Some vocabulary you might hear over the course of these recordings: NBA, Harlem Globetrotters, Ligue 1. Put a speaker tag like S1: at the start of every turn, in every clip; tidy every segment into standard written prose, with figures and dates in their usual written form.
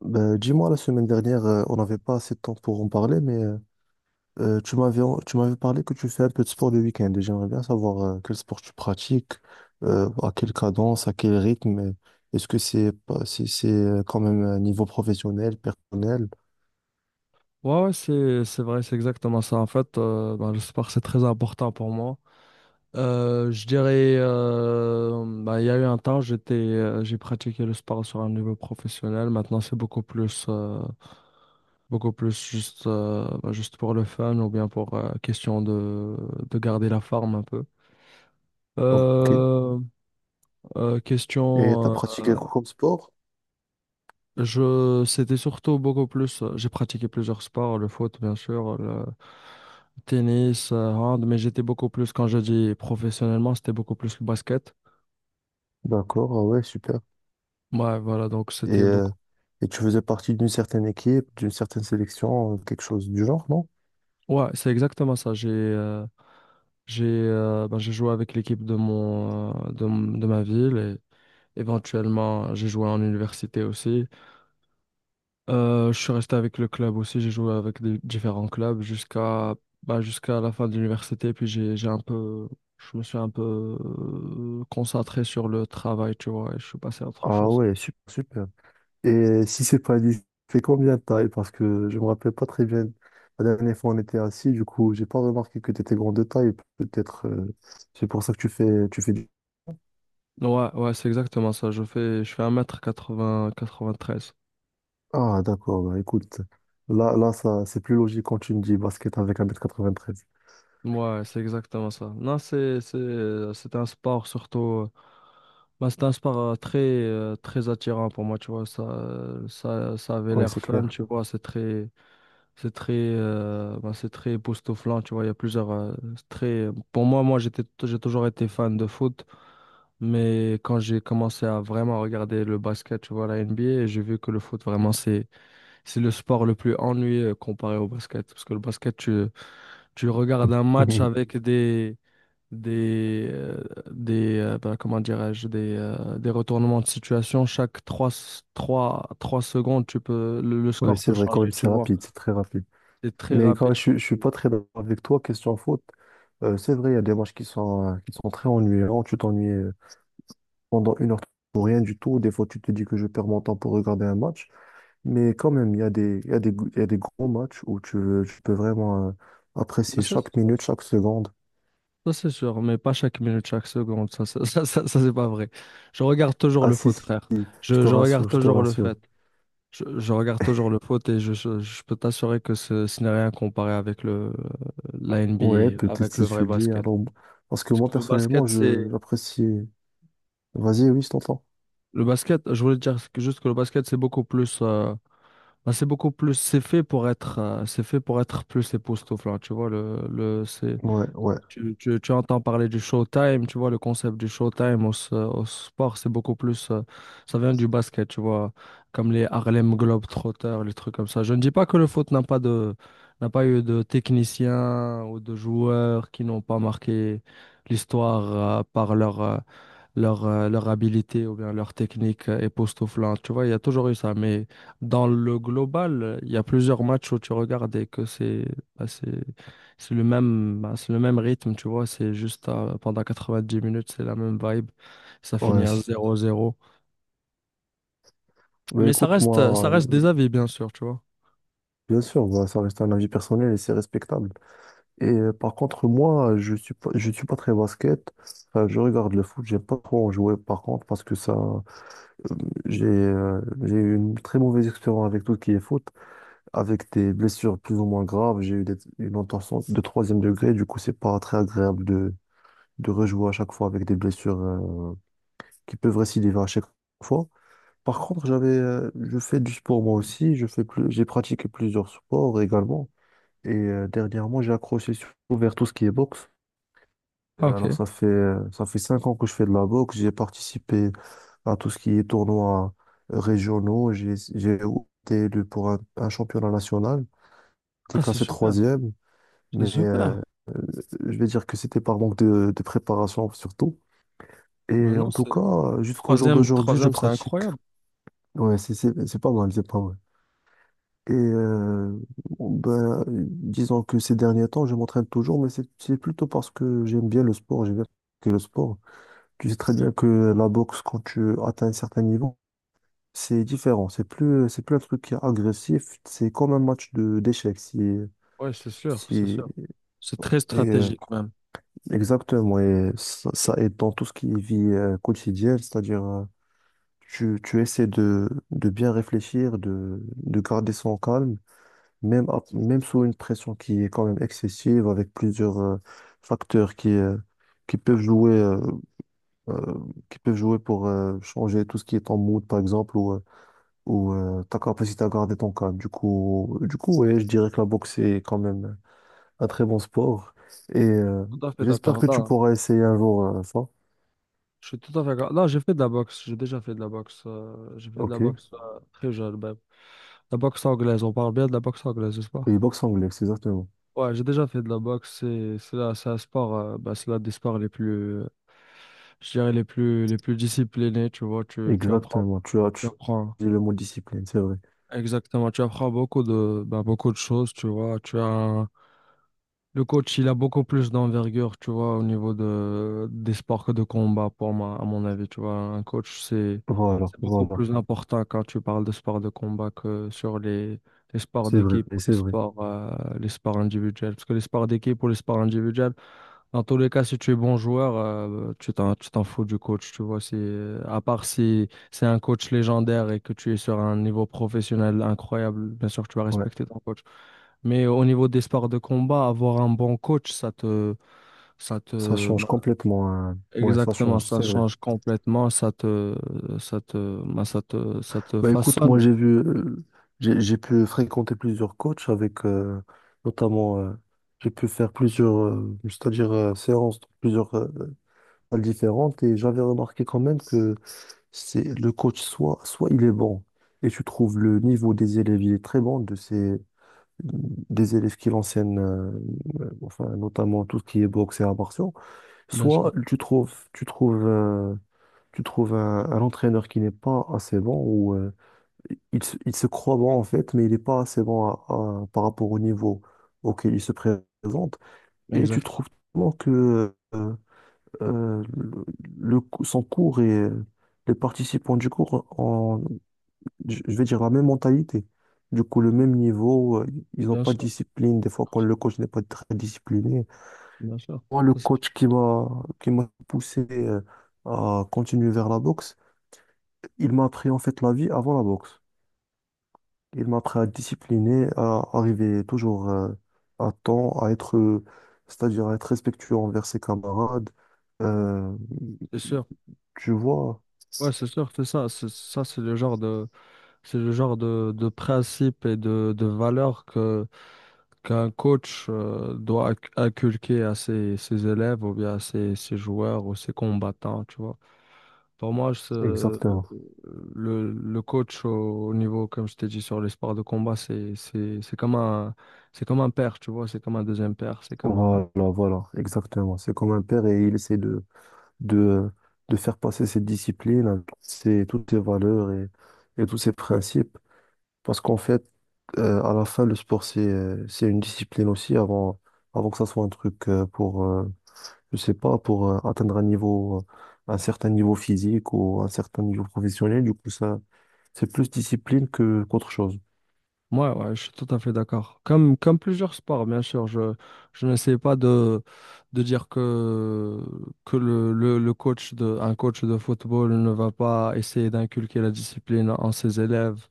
S1: Ben, dis-moi, la semaine dernière, on n'avait pas assez de temps pour en parler, mais tu m'avais, tu m'avais parlé que tu fais un peu de sport le week-end et j'aimerais bien savoir quel sport tu pratiques, à quelle cadence, à quel rythme. Et est-ce que c'est pas, c'est quand même un niveau professionnel, personnel?
S2: Ouais, ouais, c'est vrai, c'est exactement ça. En fait, ben, le sport, c'est très important pour moi. Je dirais, ben, il y a eu un temps, j'ai pratiqué le sport sur un niveau professionnel. Maintenant, c'est beaucoup plus juste, juste pour le fun ou bien pour question de, garder la forme un peu.
S1: Ok. Et
S2: Euh,
S1: tu as
S2: question,
S1: pratiqué
S2: euh,
S1: quoi comme sport?
S2: Je, C'était surtout beaucoup plus, j'ai pratiqué plusieurs sports, le foot, bien sûr, le tennis, hand, mais j'étais beaucoup plus, quand je dis professionnellement, c'était beaucoup plus le basket.
S1: D'accord, ah ouais, super.
S2: Ouais, voilà, donc
S1: Et,
S2: c'était
S1: euh,
S2: beaucoup.
S1: et tu faisais partie d'une certaine équipe, d'une certaine sélection, quelque chose du genre, non?
S2: Ouais, c'est exactement ça. J'ai joué avec l'équipe de mon de, m- de ma ville et éventuellement j'ai joué en université aussi. Je suis resté avec le club aussi, j'ai joué avec des différents clubs jusqu'à la fin de l'université, puis j'ai un peu je me suis un peu concentré sur le travail, tu vois, et je suis passé à autre
S1: Ah
S2: chose.
S1: ouais, super, super. Et si c'est pas dit, c'est combien de taille? Parce que je me rappelle pas très bien. La dernière fois, on était assis, du coup, j'ai pas remarqué que tu étais grand de taille. Peut-être, c'est pour ça que tu fais du...
S2: Ouais, ouais, c'est exactement ça. Je fais 1 quatre-vingt-treize.
S1: Ah, d'accord, bah, écoute. Ça, c'est plus logique quand tu me dis basket avec un mètre quatre-vingt-treize.
S2: Ouais, c'est exactement ça. Non, c'est un sport surtout euh, bah, c'est un sport très attirant pour moi, tu vois, ça avait
S1: Ouais,
S2: l'air
S1: c'est
S2: fun,
S1: clair.
S2: tu vois, c'est très. C'est très époustouflant, tu vois. Il y a plusieurs, c'est très. Pour moi, moi, j'ai toujours été fan de foot, mais quand j'ai commencé à vraiment regarder le basket, tu vois, la NBA, j'ai vu que le foot, vraiment, c'est le sport le plus ennuyeux comparé au basket. Parce que le basket, tu regardes un match avec des, euh, comment dirais-je, des retournements de situation. Chaque trois secondes, tu peux, le
S1: Ouais,
S2: score
S1: c'est
S2: peut
S1: vrai, quand même,
S2: changer, tu
S1: c'est
S2: vois.
S1: rapide, c'est très rapide.
S2: C'est très
S1: Mais quand
S2: rapide.
S1: même, je suis pas très d'accord avec toi, question faute. C'est vrai, il y a des matchs qui sont très ennuyants. Tu t'ennuies pendant une heure pour rien du tout. Des fois, tu te dis que je perds mon temps pour regarder un match. Mais quand même, il y a des, il y a des gros matchs où tu peux vraiment
S2: Ouais,
S1: apprécier
S2: Ça,
S1: chaque minute, chaque seconde.
S2: ça, c'est sûr, mais pas chaque minute, chaque seconde, c'est pas vrai. Je regarde toujours
S1: Ah
S2: le
S1: si,
S2: foot,
S1: si,
S2: frère.
S1: si, je
S2: Je,
S1: te
S2: je regarde
S1: rassure,
S2: Ouais.
S1: je te
S2: toujours le
S1: rassure.
S2: fait. Je regarde toujours le foot et je peux t'assurer que ce n'est rien comparé avec la
S1: Ouais,
S2: NBA,
S1: peut-être
S2: avec
S1: si
S2: le vrai
S1: tu le dis.
S2: basket.
S1: Alors, parce que
S2: Parce
S1: moi,
S2: que le
S1: personnellement,
S2: basket,
S1: je
S2: c'est.
S1: j'apprécie. Vas-y, oui, je t'entends.
S2: Le basket, je voulais te dire juste que le basket, c'est beaucoup plus, c'est beaucoup plus. C'est fait pour être, c'est fait pour être plus époustouflant, tu vois. C'est.
S1: Ouais, ouais,
S2: Tu entends parler du Showtime, tu vois, le concept du Showtime au sport, c'est beaucoup plus, ça vient du basket, tu vois, comme les Harlem Globetrotters, les trucs comme ça. Je ne dis pas que le foot n'a pas eu de techniciens ou de joueurs qui n'ont pas marqué l'histoire par leur habilité ou bien leur technique époustouflante. Tu vois, il y a toujours eu ça. Mais dans le global, il y a plusieurs matchs où tu regardes et que c'est bah, c'est le même, bah, c'est le même rythme, tu vois. C'est juste pendant 90 minutes, c'est la même vibe. Ça finit
S1: ouais.
S2: à
S1: Si.
S2: zéro zéro.
S1: Bah
S2: Mais ça
S1: écoute,
S2: reste, euh, ça
S1: moi,
S2: reste des avis, bien sûr, tu vois.
S1: bien sûr, bah, ça reste un avis personnel et c'est respectable. Et par contre, moi, je suis pas très basket. Enfin, je regarde le foot, j'aime pas trop en jouer par contre parce que ça, j'ai eu une très mauvaise expérience avec tout ce qui est foot, avec des blessures plus ou moins graves. Une entorse de troisième degré. Du coup, c'est pas très agréable de rejouer à chaque fois avec des blessures qui peuvent récidiver à chaque fois. Par contre, j'avais, je fais du sport moi aussi. J'ai pratiqué plusieurs sports également. Et dernièrement, vers tout ce qui est boxe.
S2: Ah,
S1: Alors,
S2: ok.
S1: ça fait 5 ans que je fais de la boxe. J'ai participé à tout ce qui est tournois régionaux. J'ai été élu pour un championnat national. J'étais
S2: Ah, c'est
S1: classé
S2: super.
S1: troisième.
S2: C'est
S1: Mais
S2: super.
S1: je vais dire que c'était par manque de préparation surtout.
S2: Non,
S1: Et
S2: non,
S1: en tout
S2: c'est
S1: cas, jusqu'au jour
S2: troisième,
S1: d'aujourd'hui, je
S2: troisième, c'est
S1: pratique.
S2: incroyable.
S1: Ouais, c'est pas mal, c'est pas mal. Et ben, disons que ces derniers temps, je m'entraîne toujours, mais c'est plutôt parce que j'aime bien le sport, j'aime bien que le sport. Tu sais très bien que la boxe, quand tu atteins un certain niveau, c'est différent. C'est plus un truc qui est agressif, c'est comme un match de d'échecs. Si,
S2: Ouais, c'est sûr, c'est
S1: si,
S2: sûr. C'est très
S1: et
S2: stratégique, même.
S1: exactement, et ça aide dans tout ce qui est vie quotidienne, c'est-à-dire tu, tu essaies de bien réfléchir, de garder son calme, même, même sous une pression qui est quand même excessive, avec plusieurs facteurs qui peuvent jouer, euh, euh, qui peuvent jouer pour changer tout ce qui est ton mood, par exemple, ou, ta capacité à garder ton calme. Du coup, ouais, je dirais que la boxe est quand même un très bon sport, et
S2: Tout à fait
S1: j'espère
S2: d'accord.
S1: que tu
S2: Là,
S1: pourras essayer un jour ça.
S2: je suis tout à fait d'accord. Là, j'ai fait de la boxe. J'ai déjà fait de la boxe. J'ai fait de la
S1: Ok.
S2: boxe très jeune, même. La boxe anglaise. On parle bien de la boxe anglaise, n'est-ce pas?
S1: Et boxe anglaise, c'est exactement.
S2: Ouais, j'ai déjà fait de la boxe. C'est là, c'est un sport, bah, c'est l'un des sports les plus, je dirais les plus disciplinés. Tu vois,
S1: Exactement.
S2: tu
S1: Tu
S2: apprends
S1: tu dis le mot discipline, c'est vrai.
S2: exactement. Tu apprends beaucoup beaucoup de choses. Tu vois, tu as le coach, il a beaucoup plus d'envergure. Tu vois, au niveau de des sports que de combat, pour moi, à mon avis. Tu vois, un coach, c'est
S1: Voilà,
S2: c'est beaucoup
S1: voilà.
S2: plus important quand tu parles de sports de combat que sur les sports
S1: C'est vrai,
S2: d'équipe ou les
S1: c'est vrai.
S2: sports, euh, les sports individuels. Parce que les sports d'équipe ou les sports individuels dans tous les cas, si tu es bon joueur, tu t'en fous du coach, tu vois. À part si c'est un coach légendaire et que tu es sur un niveau professionnel incroyable, bien sûr que tu vas
S1: Ouais.
S2: respecter ton coach. Mais au niveau des sports de combat, avoir un bon coach, ça
S1: Ça
S2: te,
S1: change
S2: bah,
S1: complètement, hein. Ouais, ça
S2: exactement,
S1: change,
S2: ça
S1: c'est vrai.
S2: change complètement, ça te, bah, ça te
S1: Bah écoute, moi
S2: façonne,
S1: j'ai vu, j'ai pu fréquenter plusieurs coachs avec, notamment, j'ai pu faire plusieurs, c'est-à-dire séances dans plusieurs salles différentes et j'avais remarqué quand même que c'est le coach soit il est bon et tu trouves le niveau des élèves, il est très bon de ces des élèves qui l'enseignent, enfin, notamment tout ce qui est boxe et arts martiaux,
S2: bien
S1: soit
S2: sûr.
S1: tu trouves un entraîneur qui n'est pas assez bon ou il se croit bon en fait, mais il n'est pas assez bon par rapport au niveau auquel il se présente. Et tu
S2: Exactement.
S1: trouves tellement que le, son cours et les participants du cours je vais dire la même mentalité. Du coup, le même niveau, ils n'ont
S2: Bien
S1: pas de
S2: sûr,
S1: discipline. Des fois, quand le coach n'est pas très discipliné,
S2: bien sûr.
S1: moi, le
S2: Ça, C'est
S1: coach qui m'a poussé à continuer vers la boxe, il m'a appris en fait la vie avant la boxe. Il m'a appris à discipliner, à arriver toujours à temps, c'est-à-dire à être respectueux envers ses camarades. Euh,
S2: c'est sûr.
S1: Tu vois,
S2: Ouais, c'est sûr, c'est ça. C'est le genre de, principe et de valeur qu'un coach doit inculquer à ses élèves ou bien à ses joueurs ou ses combattants, tu vois. Pour moi,
S1: exactement.
S2: le coach au, au niveau, comme je t'ai dit, sur les sports de combat, c'est comme un père, tu vois, c'est comme un deuxième père, c'est comme un.
S1: Voilà, voilà, exactement. C'est comme un père et il essaie de de, de faire passer cette discipline, toutes ces valeurs et tous ces principes. Parce qu'en fait, à la fin, le sport, c'est une discipline aussi avant, avant que ça soit un truc pour, je sais pas, pour atteindre un niveau, un certain niveau physique ou un certain niveau professionnel. Du coup, ça, c'est plus discipline que, qu'autre chose.
S2: Ouais, ouais, je suis tout à fait d'accord. Comme plusieurs sports, bien sûr, je n'essaie pas de, dire que le coach de, un coach de football ne va pas essayer d'inculquer la discipline en ses élèves,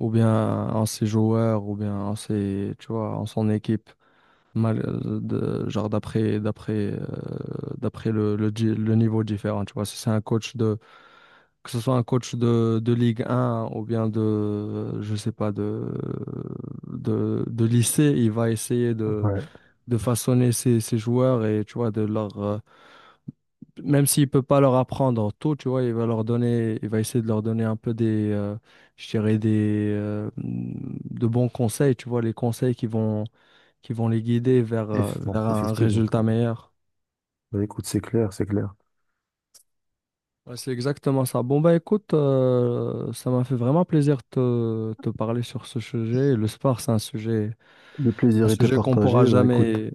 S2: ou bien en ses joueurs, ou bien en ses, tu vois, en son équipe, mal, de, genre d'après le niveau différent. Tu vois, si c'est un coach que ce soit un coach de Ligue 1 ou bien je sais pas, de lycée, il va essayer de,
S1: Ouais.
S2: de façonner ses joueurs et, tu vois, de leur, même s'il peut pas leur apprendre tout, tu vois, il va essayer de leur donner un peu je dirais de bons conseils, tu vois, les conseils qui vont les guider vers,
S1: Effectivement,
S2: vers un
S1: effectivement.
S2: résultat meilleur.
S1: Bah, écoute, c'est clair, c'est clair.
S2: Ouais, c'est exactement ça. Bon, bah écoute, ça m'a fait vraiment plaisir de te parler sur ce sujet. Le sport, c'est un sujet,
S1: Le
S2: un
S1: plaisir était
S2: sujet qu'on pourra
S1: partagé, bah, écoute,
S2: jamais,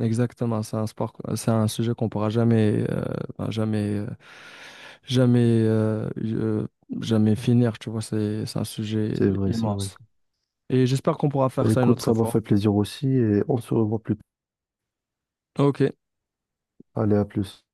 S2: exactement, c'est c'est un sujet qu'on pourra jamais, ben, jamais, jamais, euh, euh, jamais finir, tu vois, c'est un sujet
S1: c'est vrai, c'est vrai.
S2: immense. Et j'espère qu'on pourra faire
S1: Bah,
S2: ça une
S1: écoute, ça
S2: autre
S1: m'a
S2: fois.
S1: fait plaisir aussi et on se revoit plus tard.
S2: Ok.
S1: Allez, à plus.